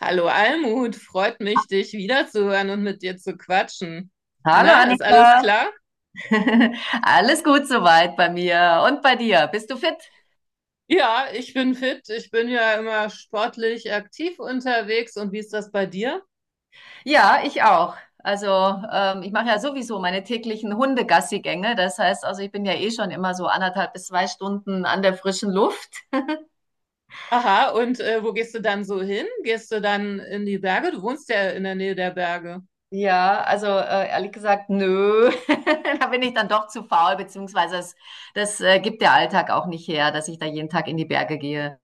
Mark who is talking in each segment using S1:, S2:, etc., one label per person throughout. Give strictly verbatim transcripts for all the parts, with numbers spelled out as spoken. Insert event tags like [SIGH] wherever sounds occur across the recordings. S1: Hallo Almut, freut mich, dich wiederzuhören und mit dir zu quatschen.
S2: Hallo
S1: Na, ist alles
S2: Annika,
S1: klar?
S2: [LAUGHS] alles gut soweit bei mir und bei dir. Bist du fit?
S1: Ja, ich bin fit. Ich bin ja immer sportlich aktiv unterwegs. Und wie ist das bei dir?
S2: Ja, ich auch. Also ähm, ich mache ja sowieso meine täglichen Hundegassigänge. Das heißt, also ich bin ja eh schon immer so anderthalb bis zwei Stunden an der frischen Luft.
S1: Aha, und äh, wo gehst du dann so hin? Gehst du dann in die Berge? Du wohnst ja in der Nähe der Berge.
S2: Ja, also äh, ehrlich gesagt, nö. [LAUGHS] Da bin ich dann doch zu faul, beziehungsweise das, das äh, gibt der Alltag auch nicht her, dass ich da jeden Tag in die Berge gehe.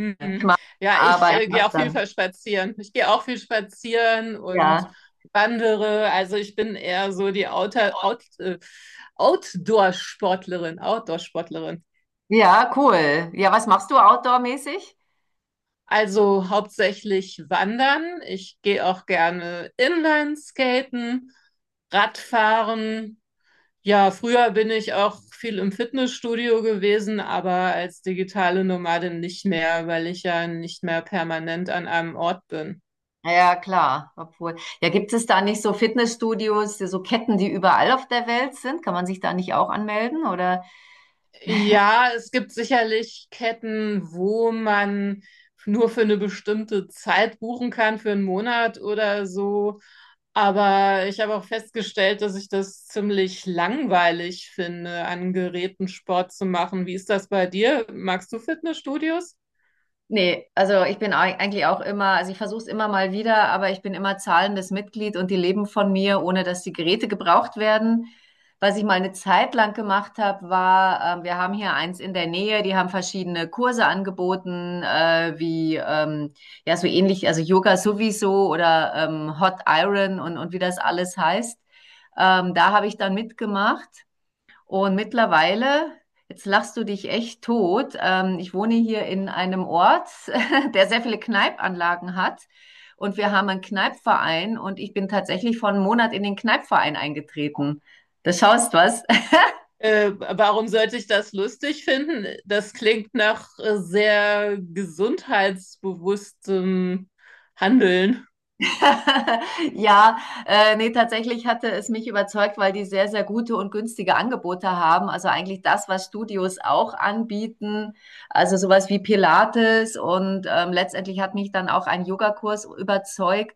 S1: Mhm. Ja, ich
S2: Aber ich
S1: äh, gehe
S2: mach's
S1: auch viel
S2: dann.
S1: spazieren. Ich gehe auch viel spazieren und
S2: Ja.
S1: wandere. Also ich bin eher so die Outer, Out, äh, Outdoor-Sportlerin, Outdoor-Sportlerin.
S2: Ja, cool. Ja, was machst du outdoor-mäßig?
S1: Also hauptsächlich wandern. Ich gehe auch gerne Inlineskaten, Radfahren. Ja, früher bin ich auch viel im Fitnessstudio gewesen, aber als digitale Nomadin nicht mehr, weil ich ja nicht mehr permanent an einem Ort bin.
S2: Ja, ja, klar. Obwohl, ja, gibt es da nicht so Fitnessstudios, so Ketten, die überall auf der Welt sind? Kann man sich da nicht auch anmelden? Oder?
S1: Ja, es gibt sicherlich Ketten, wo man nur für eine bestimmte Zeit buchen kann, für einen Monat oder so. Aber ich habe auch festgestellt, dass ich das ziemlich langweilig finde, an Geräten Sport zu machen. Wie ist das bei dir? Magst du Fitnessstudios?
S2: Nee, also ich bin ei- eigentlich auch immer, also ich versuche es immer mal wieder, aber ich bin immer zahlendes Mitglied und die leben von mir, ohne dass die Geräte gebraucht werden. Was ich mal eine Zeit lang gemacht habe, war, ähm, wir haben hier eins in der Nähe, die haben verschiedene Kurse angeboten, äh, wie ähm, ja so ähnlich, also Yoga sowieso oder ähm, Hot Iron und, und wie das alles heißt. Ähm, da habe ich dann mitgemacht. Und mittlerweile, jetzt lachst du dich echt tot, ähm, ich wohne hier in einem Ort, [LAUGHS] der sehr viele Kneipanlagen hat. Und wir haben einen Kneipverein und ich bin tatsächlich vor einem Monat in den Kneipverein eingetreten. Das schaust was.
S1: Äh, warum sollte ich das lustig finden? Das klingt nach äh, sehr gesundheitsbewusstem Handeln.
S2: [LAUGHS] Ja, äh, ne, tatsächlich hatte es mich überzeugt, weil die sehr, sehr gute und günstige Angebote haben. Also eigentlich das, was Studios auch anbieten. Also sowas wie Pilates und ähm, letztendlich hat mich dann auch ein Yogakurs überzeugt,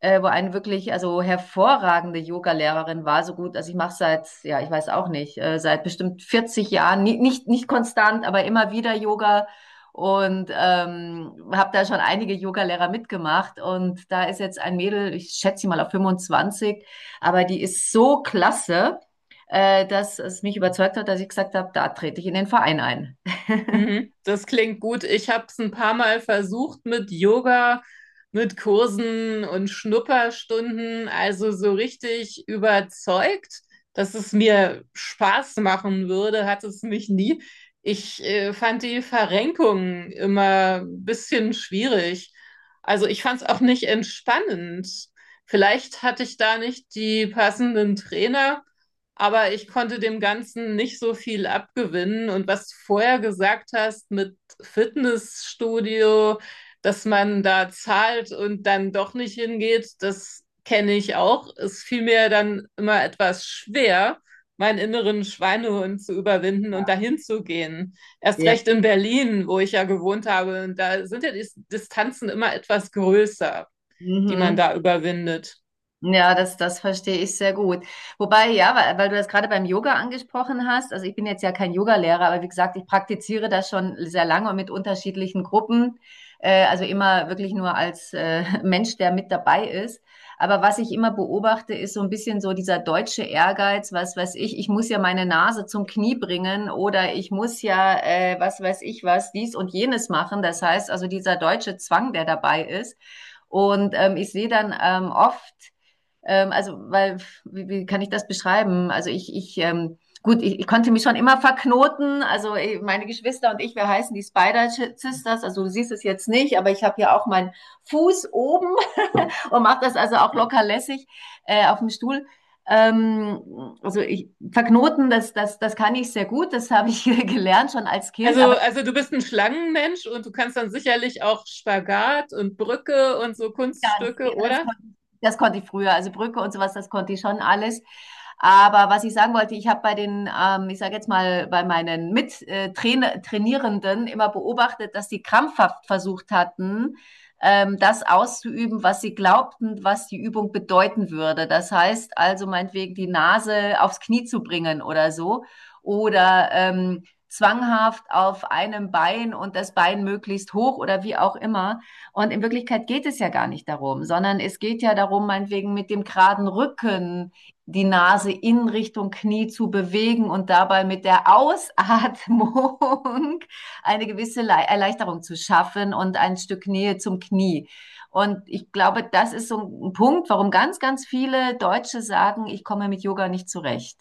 S2: äh, wo eine wirklich also hervorragende Yoga-Lehrerin war. So gut, also ich mache seit, ja, ich weiß auch nicht, äh, seit bestimmt vierzig Jahren, ni- nicht, nicht konstant, aber immer wieder Yoga und ähm, habe da schon einige Yoga-Lehrer mitgemacht. Und da ist jetzt ein Mädel, ich schätze sie mal auf fünfundzwanzig, aber die ist so klasse, äh, dass es mich überzeugt hat, dass ich gesagt habe, da trete ich in den Verein ein.
S1: Mhm, das klingt gut. Ich habe es ein paar Mal versucht mit Yoga, mit Kursen und Schnupperstunden. Also so richtig überzeugt, dass es mir Spaß machen würde, hat es mich nie. Ich äh, fand die Verrenkung immer ein bisschen schwierig. Also ich fand es auch nicht entspannend. Vielleicht hatte ich da nicht die passenden Trainer, aber ich konnte dem Ganzen nicht so viel abgewinnen. Und was du vorher gesagt hast mit Fitnessstudio, dass man da zahlt und dann doch nicht hingeht, das kenne ich auch. Es fiel mir dann immer etwas schwer, meinen inneren Schweinehund zu überwinden und
S2: Ja.
S1: dahin zu gehen. Erst
S2: Ja.
S1: recht in Berlin, wo ich ja gewohnt habe. Und da sind ja die Distanzen immer etwas größer, die man
S2: Mhm.
S1: da überwindet.
S2: Ja, das, das verstehe ich sehr gut. Wobei, ja, weil, weil du das gerade beim Yoga angesprochen hast, also ich bin jetzt ja kein Yogalehrer, aber wie gesagt, ich praktiziere das schon sehr lange und mit unterschiedlichen Gruppen, äh, also immer wirklich nur als äh, [LAUGHS] Mensch, der mit dabei ist. Aber was ich immer beobachte, ist so ein bisschen so dieser deutsche Ehrgeiz, was weiß ich, ich muss ja meine Nase zum Knie bringen oder ich muss ja, äh, was weiß ich was, dies und jenes machen. Das heißt also dieser deutsche Zwang, der dabei ist. Und ähm, ich sehe dann ähm, oft, ähm, also, weil, wie, wie kann ich das beschreiben? Also ich, ich, ähm, gut, ich, ich konnte mich schon immer verknoten. Also eh, meine Geschwister und ich, wir heißen die Spider Sisters. Also du siehst es jetzt nicht, aber ich habe hier auch meinen Fuß oben [LAUGHS] und mache das also auch locker lässig äh, auf dem Stuhl. Ähm, also ich, verknoten, das, das, das kann ich sehr gut. Das habe ich [LAUGHS] gelernt schon als Kind.
S1: Also,
S2: Aber
S1: also du bist ein Schlangenmensch und du kannst dann sicherlich auch Spagat und Brücke und so
S2: ganz, ja,
S1: Kunststücke,
S2: das
S1: oder?
S2: konnte, das konnte ich früher. Also Brücke und sowas, das konnte ich schon alles. Aber was ich sagen wollte, ich habe bei den, ähm, ich sage jetzt mal, bei meinen Mittrainierenden immer beobachtet, dass die krampfhaft versucht hatten, ähm, das auszuüben, was sie glaubten, was die Übung bedeuten würde. Das heißt also meinetwegen die Nase aufs Knie zu bringen oder so. Oder ähm, zwanghaft auf einem Bein und das Bein möglichst hoch oder wie auch immer. Und in Wirklichkeit geht es ja gar nicht darum, sondern es geht ja darum, meinetwegen mit dem geraden Rücken die Nase in Richtung Knie zu bewegen und dabei mit der Ausatmung [LAUGHS] eine gewisse Erleichterung zu schaffen und ein Stück Nähe zum Knie. Und ich glaube, das ist so ein Punkt, warum ganz, ganz viele Deutsche sagen, ich komme mit Yoga nicht zurecht.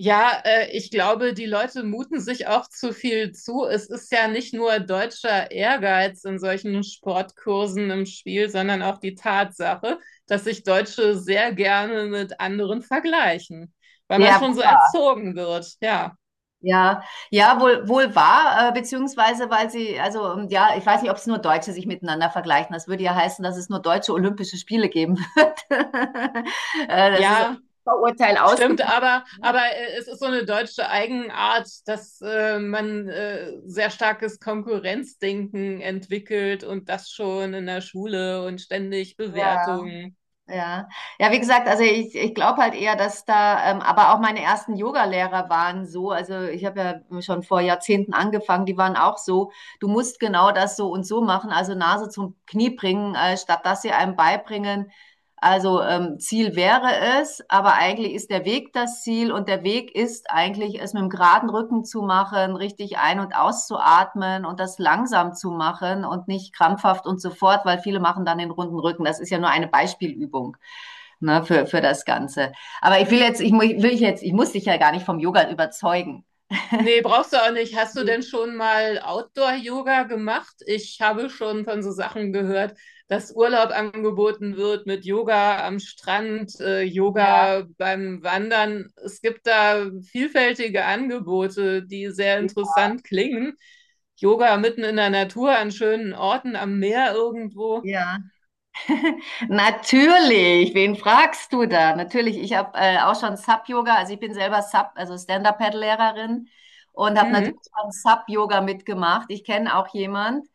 S1: Ja, äh, ich glaube, die Leute muten sich auch zu viel zu. Es ist ja nicht nur deutscher Ehrgeiz in solchen Sportkursen im Spiel, sondern auch die Tatsache, dass sich Deutsche sehr gerne mit anderen vergleichen, weil man
S2: Der
S1: schon so
S2: wohl
S1: erzogen wird. Ja,
S2: Ja, ja, wohl, wohl wahr, äh, beziehungsweise weil sie, also ähm, ja, ich weiß nicht, ob es nur Deutsche sich miteinander vergleichen. Das würde ja heißen, dass es nur deutsche Olympische Spiele geben wird. [LAUGHS] Äh, das ist ein
S1: ja,
S2: Vorurteil
S1: stimmt,
S2: ausgepackt.
S1: aber, aber äh, es ist so eine deutsche Eigenart, dass äh, man äh, sehr starkes Konkurrenzdenken entwickelt und das schon in der Schule und ständig
S2: Ja,
S1: Bewertungen.
S2: ja. Ja, wie gesagt, also ich, ich glaube halt eher, dass da, ähm, aber auch meine ersten Yoga-Lehrer waren so, also ich habe ja schon vor Jahrzehnten angefangen, die waren auch so, du musst genau das so und so machen, also Nase zum Knie bringen, äh, statt dass sie einem beibringen, Also ähm, Ziel wäre es, aber eigentlich ist der Weg das Ziel und der Weg ist eigentlich, es mit dem geraden Rücken zu machen, richtig ein- und auszuatmen und das langsam zu machen und nicht krampfhaft und so fort, weil viele machen dann den runden Rücken. Das ist ja nur eine Beispielübung, ne, für, für das Ganze. Aber ich will jetzt, ich, mu- will ich jetzt, ich muss dich ja gar nicht vom Yoga überzeugen.
S1: Nee, brauchst du auch nicht. Hast du denn schon mal Outdoor-Yoga gemacht? Ich habe schon von so Sachen gehört, dass Urlaub angeboten wird mit Yoga am Strand, äh,
S2: Ja,
S1: Yoga beim Wandern. Es gibt da vielfältige Angebote, die sehr interessant klingen. Yoga mitten in der Natur, an schönen Orten, am Meer irgendwo.
S2: ja. Natürlich, wen fragst du da? Natürlich, ich habe äh, auch schon Sub-Yoga, also ich bin selber Sub, also Stand-Up-Paddle-Lehrerin und habe natürlich
S1: Mhm.
S2: schon Sub-Yoga mitgemacht. Ich kenne auch jemand,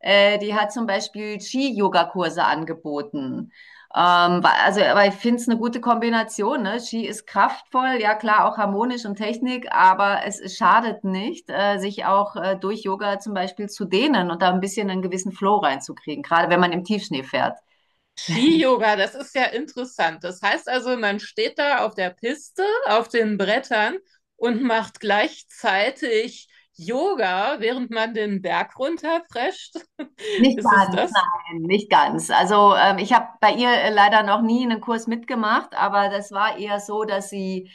S2: äh, die hat zum Beispiel Ski-Yoga-Kurse angeboten. Ähm, wa- also, aber ich finde es eine gute Kombination. Ne? Ski ist kraftvoll, ja klar, auch harmonisch und Technik, aber es, es schadet nicht, äh, sich auch äh, durch Yoga zum Beispiel zu dehnen und da ein bisschen einen gewissen Flow reinzukriegen, gerade wenn man im Tiefschnee fährt.
S1: Ski-Yoga, das ist ja interessant. Das heißt also, man steht da auf der Piste, auf den Brettern und macht gleichzeitig Yoga, während man den Berg runterprescht. [LAUGHS]
S2: Nicht
S1: Ist es
S2: ganz,
S1: das?
S2: nein, nicht ganz. Also ähm, ich habe bei ihr äh, leider noch nie einen Kurs mitgemacht, aber das war eher so, dass sie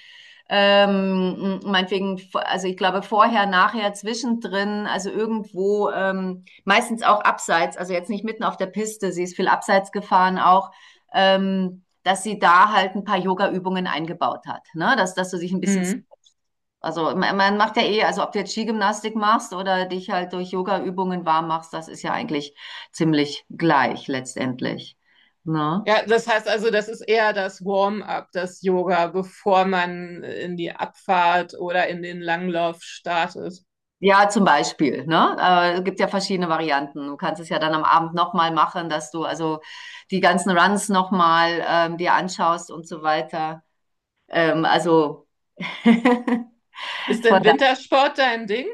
S2: ähm, m- meinetwegen, v- also ich glaube vorher, nachher, zwischendrin, also irgendwo, ähm, meistens auch abseits, also jetzt nicht mitten auf der Piste, sie ist viel abseits gefahren auch, ähm, dass sie da halt ein paar Yoga-Übungen eingebaut hat, ne? Dass, dass du dich ein bisschen,
S1: Hm.
S2: also man man macht ja eh, also ob du jetzt Skigymnastik machst oder dich halt durch Yoga-Übungen warm machst, das ist ja eigentlich ziemlich gleich letztendlich. Ne?
S1: Ja, das heißt also, das ist eher das Warm-up, das Yoga, bevor man in die Abfahrt oder in den Langlauf startet.
S2: Ja, zum Beispiel, ne? Äh, Es gibt ja verschiedene Varianten. Du kannst es ja dann am Abend nochmal machen, dass du also die ganzen Runs nochmal ähm, dir anschaust und so weiter. Ähm, also [LAUGHS]
S1: Ist
S2: von
S1: denn
S2: da.
S1: Wintersport dein Ding?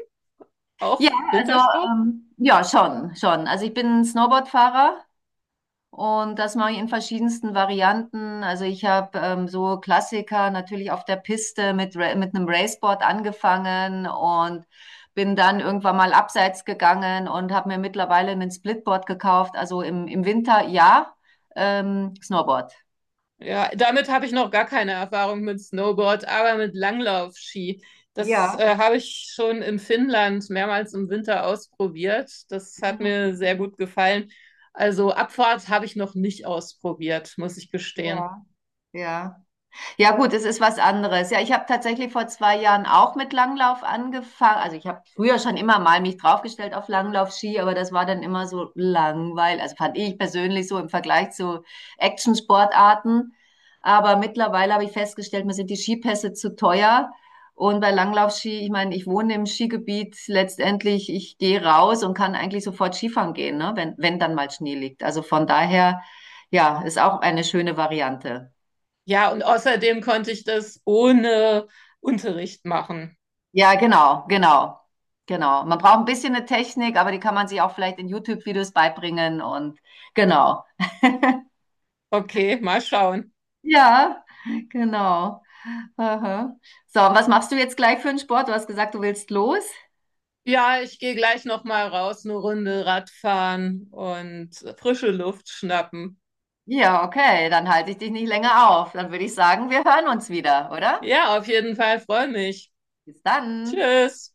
S1: Auch
S2: Ja, also
S1: Wintersport?
S2: ähm, ja, schon, schon. Also ich bin Snowboardfahrer. Und das mache ich in verschiedensten Varianten. Also ich habe ähm, so Klassiker natürlich auf der Piste mit, Ra- mit einem Raceboard angefangen und bin dann irgendwann mal abseits gegangen und habe mir mittlerweile einen Splitboard gekauft. Also im, im Winter ja, ähm, Snowboard.
S1: Ja, damit habe ich noch gar keine Erfahrung mit Snowboard, aber mit Langlaufski. Das
S2: Ja,
S1: äh, habe ich schon in Finnland mehrmals im Winter ausprobiert. Das hat
S2: mhm.
S1: mir sehr gut gefallen. Also Abfahrt habe ich noch nicht ausprobiert, muss ich gestehen.
S2: Ja, ja. Ja gut, es ist was anderes. Ja, ich habe tatsächlich vor zwei Jahren auch mit Langlauf angefangen. Also ich habe früher schon immer mal mich draufgestellt auf Langlaufski, aber das war dann immer so langweilig. Also fand ich persönlich so im Vergleich zu Action-Sportarten. Aber mittlerweile habe ich festgestellt, mir sind die Skipässe zu teuer. Und bei Langlaufski, ich meine, ich wohne im Skigebiet letztendlich, ich gehe raus und kann eigentlich sofort Skifahren gehen, ne? wenn, wenn dann mal Schnee liegt. Also von daher, ja, ist auch eine schöne Variante.
S1: Ja, und außerdem konnte ich das ohne Unterricht machen.
S2: Ja, genau, genau, genau. Man braucht ein bisschen eine Technik, aber die kann man sich auch vielleicht in YouTube-Videos beibringen und genau.
S1: Okay, mal schauen.
S2: Ja, genau. Aha. So, und was machst du jetzt gleich für einen Sport? Du hast gesagt, du willst los?
S1: Ja, ich gehe gleich noch mal raus, eine Runde Radfahren und frische Luft schnappen.
S2: Ja, okay, dann halte ich dich nicht länger auf. Dann würde ich sagen, wir hören uns wieder, oder?
S1: Ja, auf jeden Fall, freue mich.
S2: Bis dann.
S1: Tschüss.